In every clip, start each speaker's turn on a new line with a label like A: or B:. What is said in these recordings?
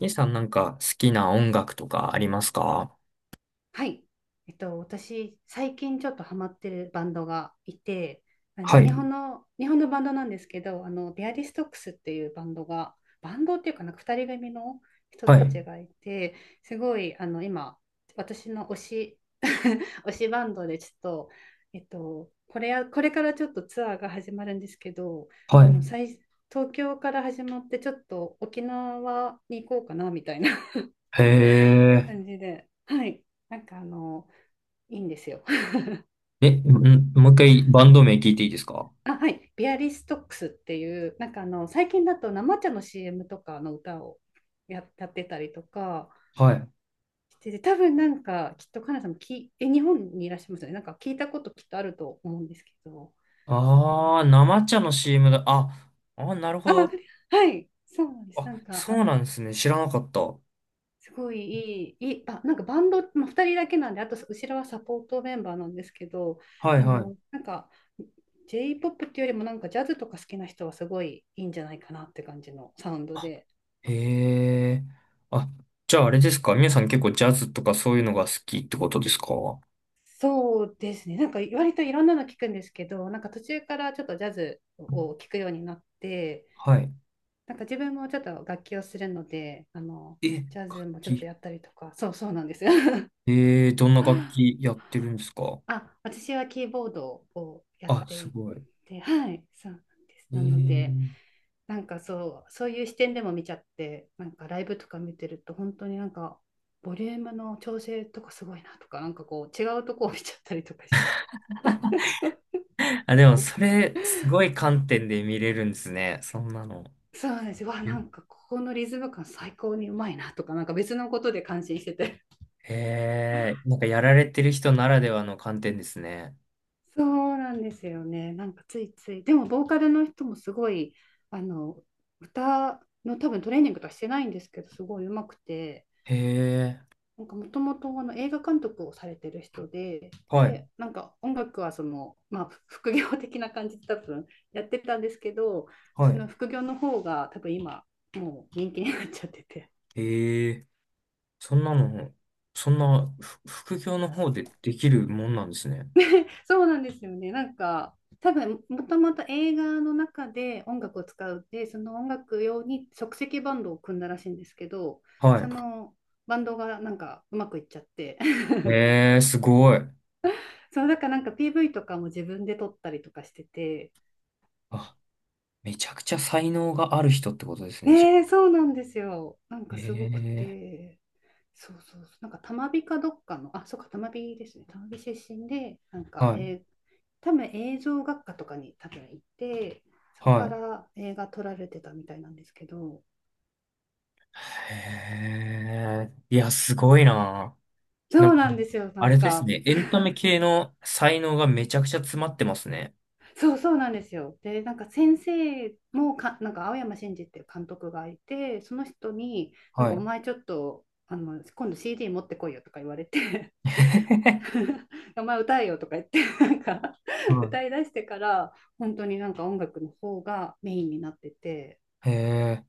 A: イさんなんか好きな音楽とかありますか？
B: はい。私、最近ちょっとハマってるバンドがいて、
A: は
B: 日
A: い、
B: 本の、日本のバンドなんですけど、ビアリストックスっていうバンドが、バンドっていうかなんか2人組の人
A: は
B: た
A: い、
B: ちがいて、すごい、今、私の推し、推しバンドでちょっと、これからちょっとツアーが始まるんですけど、あ
A: は
B: の、
A: い。
B: 最、東京から始まって、ちょっと沖縄に行こうかな、みたいな
A: へ え。
B: 感じで、はい。なんかいいんですよ。
A: え、ん、もう一回バンド名聞いていいですか？
B: あ、はい。ビアリストックスっていう、なんか最近だと生茶の CM とかの歌をやってたりとか
A: はい。
B: してて、多分なんか、きっとカナさんも日本にいらっしゃいますよね。なんか聞いたこときっとあると思うんですけど、あの、
A: ああー、生茶の CM だ。あ、あ、なるほ
B: あ、
A: ど。
B: はい。そうなんです。
A: あ、
B: なんか、
A: そうなんですね。知らなかった。は
B: すごいいい、いい、あ、なんかバンド、まあ、2人だけなんで、あと後ろはサポートメンバーなんですけど、
A: いは
B: なんか J-POP っていうよりもなんかジャズとか好きな人はすごいいいんじゃないかなって感じのサウンドで。
A: い。へえ。あ、じゃああれですか、皆さん結構ジャズとかそういうのが好きってことですか？
B: そうですね、なんか割といろんなの聞くんですけど、なんか途中からちょっとジャズを聞くようになって、
A: はい。
B: なんか自分もちょっと楽器をするので、
A: え、
B: ジャズ
A: 楽
B: もちょっと
A: 器。
B: やったりとか、そうそうなんですよ。
A: ええ、どんな楽器 やってるんですか？
B: あ、私はキーボードをやっ
A: あ、
B: て
A: す
B: い
A: ごい。え
B: て、はい、そうなんです。
A: ー、
B: なので、そういう視点でも見ちゃって、なんかライブとか見てると、本当になんか、ボリュームの調整とかすごいなとか、なんかこう、違うとこを見ちゃったりとかして、
A: あ、でも、それ、すごい観点で見れるんですね。そんなの。
B: そうなんですよ。わ、な
A: ゆ、
B: んかここのリズム感最高にうまいなとか、なんか別のことで感心してて。
A: へえ、なんかやられてる人ならではの観点ですね。
B: そうなんですよね。なんかついつい。でも、ボーカルの人もすごい、あの、歌の多分トレーニングとかしてないんですけど、すごい上手くて、
A: へえ、
B: なんかもともとあの映画監督をされてる人で、
A: はい、
B: で、なんか音楽はその、まあ、副業的な感じで多分やってたんですけど、
A: は
B: その
A: い。
B: 副業の方が多分今、もう人気になっちゃってて
A: へえ、そんなの、そんな、ふ副業の方でできるもんなんですね。
B: そうなんですよね。なんか、多分もともと映画の中で音楽を使うで、その音楽用に即席バンドを組んだらしいんですけど、そ
A: は
B: のバンドがなんかうまくいっちゃって
A: い。へえ、すごい。
B: そうだからなんか PV とかも自分で撮ったりとかしてて、
A: あ、めちゃくちゃ才能がある人ってことですね、じ
B: ねえ、
A: ゃ
B: そうなんですよ。なん
A: あ。へ
B: かすごく
A: え、
B: て、そうそうそう、なんかたまびかどっかの、あ、そうか、たまびですね、たまび出身で、なんか、
A: はい、
B: 多分映像学科とかに多分行って、そこか
A: はい。
B: ら映画撮られてたみたいなんですけど、
A: へえ、いや、すごいな。な
B: そ
A: ん
B: う
A: か、
B: なんですよ、な
A: あ
B: ん
A: れです
B: か、
A: ね。エンタメ系の才能がめちゃくちゃ詰まってますね。
B: そうそうなんですよ。で、なんか先生もか、なんか青山真治っていう監督がいて、その人に、なん
A: は
B: かお
A: い。
B: 前ちょっと、今度 CD 持ってこいよとか言われて お前歌えよとか言って なんか
A: は
B: 歌いだしてから本当になんか音楽の方がメインになってて。
A: い。へえ。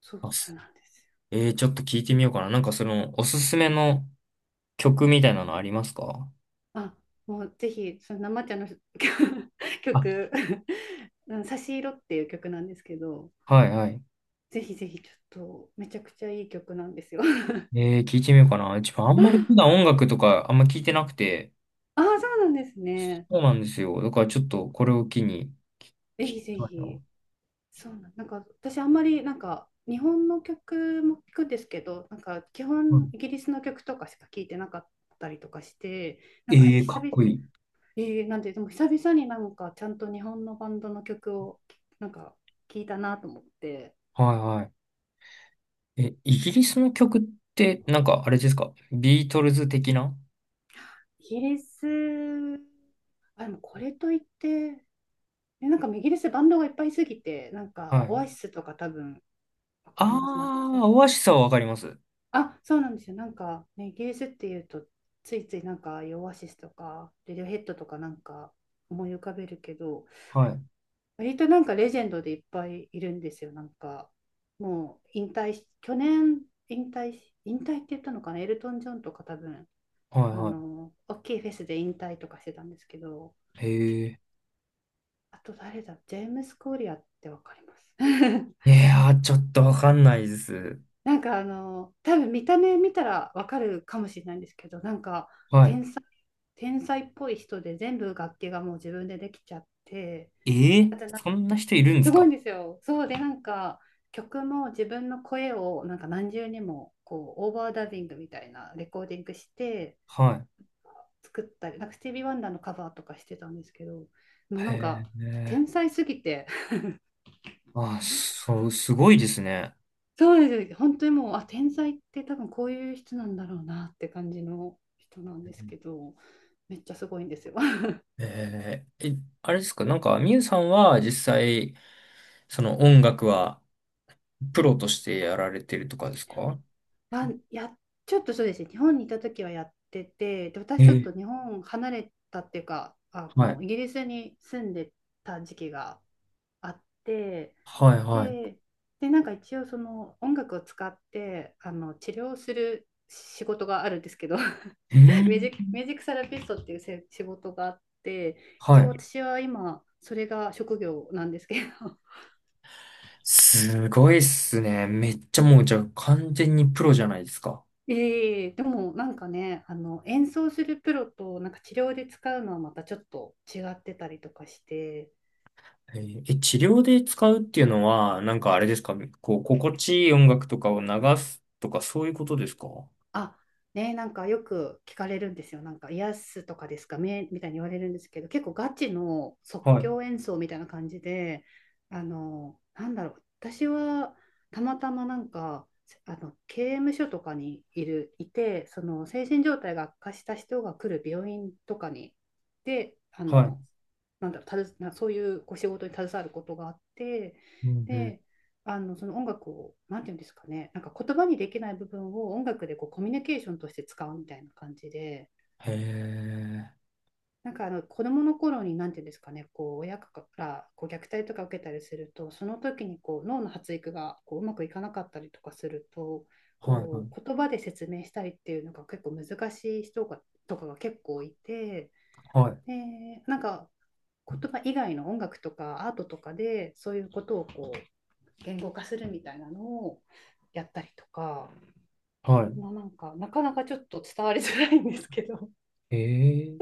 B: そう
A: あ
B: そう
A: す、
B: なんですよ。
A: えー、ちょっと聞いてみようかな。なんかその、おすすめの曲みたいなのありますか？
B: あもうぜひその生茶の
A: あ、
B: 曲差し色」っていう曲なんですけど、
A: はいはい。
B: ぜひぜひちょっとめちゃくちゃいい曲なんですよ。
A: えー、聞いてみようかな。自分あんまり普 段音楽とかあんま聞いてなくて、
B: ああ、そうなんですね。
A: そうなんですよ。だからちょっとこれを機に聞
B: ぜひ
A: き
B: ぜ
A: たい
B: ひ。
A: な。
B: なんか私あんまりなんか日本の曲も聞くんですけど、なんか基
A: う
B: 本
A: ん。
B: イギリスの曲とかしか聞いてなかったりとかして、なんか
A: ええ、
B: 久
A: かっ
B: 々、
A: こいい。
B: えーなんてでも久々になんかちゃんと日本のバンドの曲をなんか聞いたなと思って、
A: はいはい。え、イギリスの曲って、なんかあれですか、ビートルズ的な？
B: イギリス、あ、でもこれといって、なんかイギリスバンドがいっぱいすぎて、なんか
A: はい。
B: オアシスとか多分わかります。
A: ああ、オアシスはわかります。
B: そうなんですよ。なんか、ね、イギリスっていうと、ついついなんか、オアシスとか、レディオヘッドとかなんか思い浮かべるけど、
A: はい。
B: 割となんかレジェンドでいっぱいいるんですよ。なんか、もう引退し、去年引退し、引退って言ったのかな、エルトン・ジョンとか多分、
A: はいは
B: 大きいフェスで引退とかしてたんですけど、
A: い。へえ。
B: あと誰だ、ジェームス・コーリアってわかります？
A: いやー、ちょっとわかんないです。
B: なんか多分見た目見たらわかるかもしれないんですけど、なんか、
A: は
B: 天才っぽい人で全部楽器がもう自分でできちゃって、
A: い。えー、
B: だってな
A: そんな人いるんで
B: す
A: す
B: ごいん
A: か？
B: ですよ。そうでなんか曲も自分の声をなんか何重にもこうオーバーダビングみたいなレコーディングして
A: は
B: 作ったり、なんかスティービー・ワンダーのカバーとかしてたんですけど、もう
A: い。
B: なんか
A: へえ。
B: 天才すぎて
A: あそう、すごいですね。
B: そうです、本当にもう、天才って多分こういう人なんだろうなって感じの人なんですけど、めっちゃすごいんですよ。
A: えー、え、あれですか、なんか、みゆさんは実際、その音楽はプロとしてやられてるとかですか？
B: はや、ちょっとそうですね、日本にいた時はやってて、で、
A: え
B: 私ちょっ
A: ー、
B: と日本離れたっていうか、
A: はい。
B: イギリスに住んでた時期があって、
A: はいはい。
B: で、なんか一応その音楽を使って、治療する仕事があるんですけど
A: うん。
B: ミュージックセラピストっていう仕事があって、
A: は
B: 一応
A: い。
B: 私は今、それが職業なんですけど、
A: すごいっすね。めっちゃもう、じゃあ完全にプロじゃないですか。
B: でもなんかね、演奏するプロとなんか治療で使うのはまたちょっと違ってたりとかして、
A: えー、え、治療で使うっていうのは、なんかあれですか、こう、心地いい音楽とかを流すとか、そういうことですか？は
B: あ、ね、なんかよく聞かれるんですよ。なんか、癒すとかですかねみたいに言われるんですけど、結構ガチの即
A: い、
B: 興演奏みたいな感じで、なんだろう、私はたまたまなんか、刑務所とかにいて、その精神状態が悪化した人が来る病院とかに、で、
A: はい。
B: なんだろう、たずなそういうこう仕事に携わることがあって、
A: うんうん。
B: で、音楽を、なんていうんですかね、なんか言葉にできない部分を音楽でこうコミュニケーションとして使うみたいな感じで、
A: へえ。
B: なんか子どもの頃に、なんていうんですかね、こう親からこう虐待とか受けたりすると、その時にこう脳の発育がこううまくいかなかったりとかすると、
A: はい、は
B: こ
A: い、
B: う言葉で説明したりっていうのが結構難しい人とかが結構いて、
A: はい。
B: でなんか言葉以外の音楽とかアートとかでそういうことをこう言語化するみたいなのをやったりとか、
A: は
B: まあ、なんかなかなかちょっと伝わりづらいんですけど。
A: い。へえ。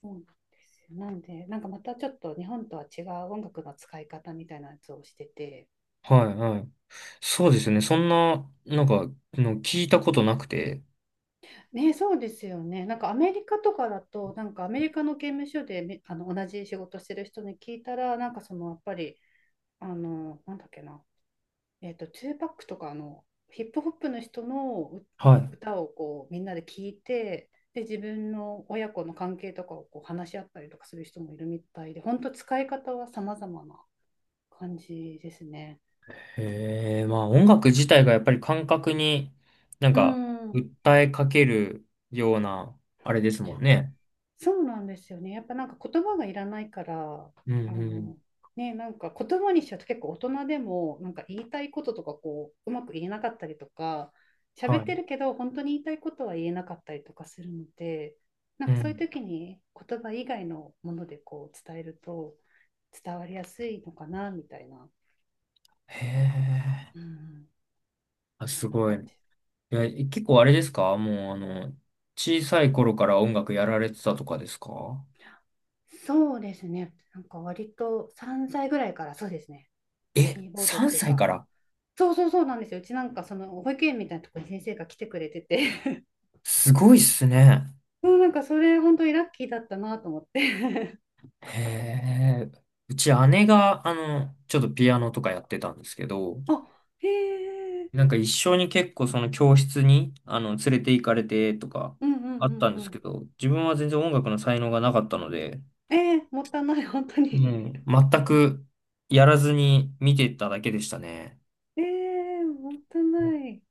B: そうなんですよ。なんでなんかまたちょっと日本とは違う音楽の使い方みたいなやつをしてて、
A: はい、はい。そうですね。そんな、なんか、の聞いたことなくて。
B: ね、そうですよね。なんかアメリカとかだとなんかアメリカの刑務所で、同じ仕事してる人に聞いたらなんかそのやっぱり、なんだっけな、ツーパックとかのヒップホップの人の
A: はい。
B: 歌をこうみんなで聞いて、で、自分の親子の関係とかをこう話し合ったりとかする人もいるみたいで、本当使い方は様々な感じですね。
A: へえ。まあ、音楽自体がやっぱり感覚に、なん
B: う
A: か、
B: ん。
A: 訴えかけるような、あれですもんね。
B: そうなんですよね。やっぱなんか言葉がいらないから、
A: うん
B: あ
A: うん。
B: の、ね、なんか言葉にしちゃうと結構大人でも、なんか言いたいこととかこう、うまく言えなかったりとか、喋
A: は
B: っ
A: い。
B: てるけど、本当に言いたいことは言えなかったりとかするので、なん
A: う
B: かそういう
A: ん。
B: 時に言葉以外のものでこう伝えると伝わりやすいのかな、みたいな。
A: へえ。
B: うん、
A: あ、
B: そ
A: す
B: んな
A: ごい。
B: 感
A: い
B: じ。
A: や結構あれですか、もう、あの、小さい頃から音楽やられてたとかですか？
B: そうですね。なんか割と3歳ぐらいからそうですね。
A: え、
B: キーボードっ
A: 3
B: ていう
A: 歳か
B: か、
A: ら？
B: そうそうそうなんですよ。うちなんかその保育園みたいなところに先生が来てくれてて、
A: すごいっすね。
B: もうなんかそれ本当にラッキーだったなと思って。
A: へえ。うち姉が、あの、ちょっとピアノとかやってたんですけど、
B: あ、へえ、
A: なんか一緒に結構その教室に、あの、連れて行かれてとか
B: うんうん
A: あっ
B: う
A: た
B: ん
A: ん
B: う
A: ですけ
B: ん。
A: ど、自分は全然音楽の才能がなかったので、
B: えー、もったいない、本当
A: う
B: に。
A: ん、全くやらずに見てただけでしたね。
B: えー、もったいない。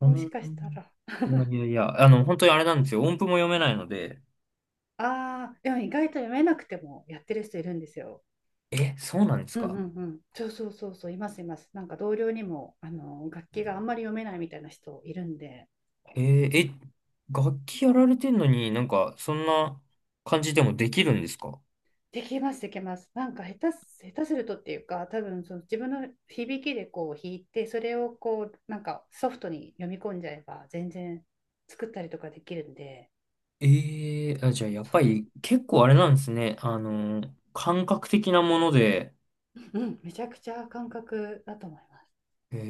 A: う
B: もし
A: ん、
B: かしたら。
A: いやいやいや、あの、本当にあれなんですよ。音符も読めないので。
B: ああ、でも意外と読めなくてもやってる人いるんですよ。
A: え、そうなんです
B: うんう
A: か？
B: んうん。そうそうそうそう、いますいます。なんか同僚にも、楽器があんまり読めないみたいな人いるんで、
A: え、え、楽器やられてんのになんか、そんな感じでもできるんですか？
B: できます、できます。なんか下手するとっていうか、多分その自分の響きでこう弾いて、それをこう、なんかソフトに読み込んじゃえば、全然作ったりとかできるんで、
A: ええ、あ、じゃあやっぱり結構あれなんですね。あの、感覚的なもので、
B: うん、めちゃくちゃ感覚だと思います。
A: えー、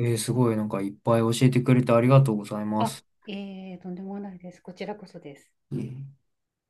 A: えー、すごい、なんかいっぱい教えてくれてありがとうございま
B: あ、
A: す。
B: とんでもないです。こちらこそです。
A: えー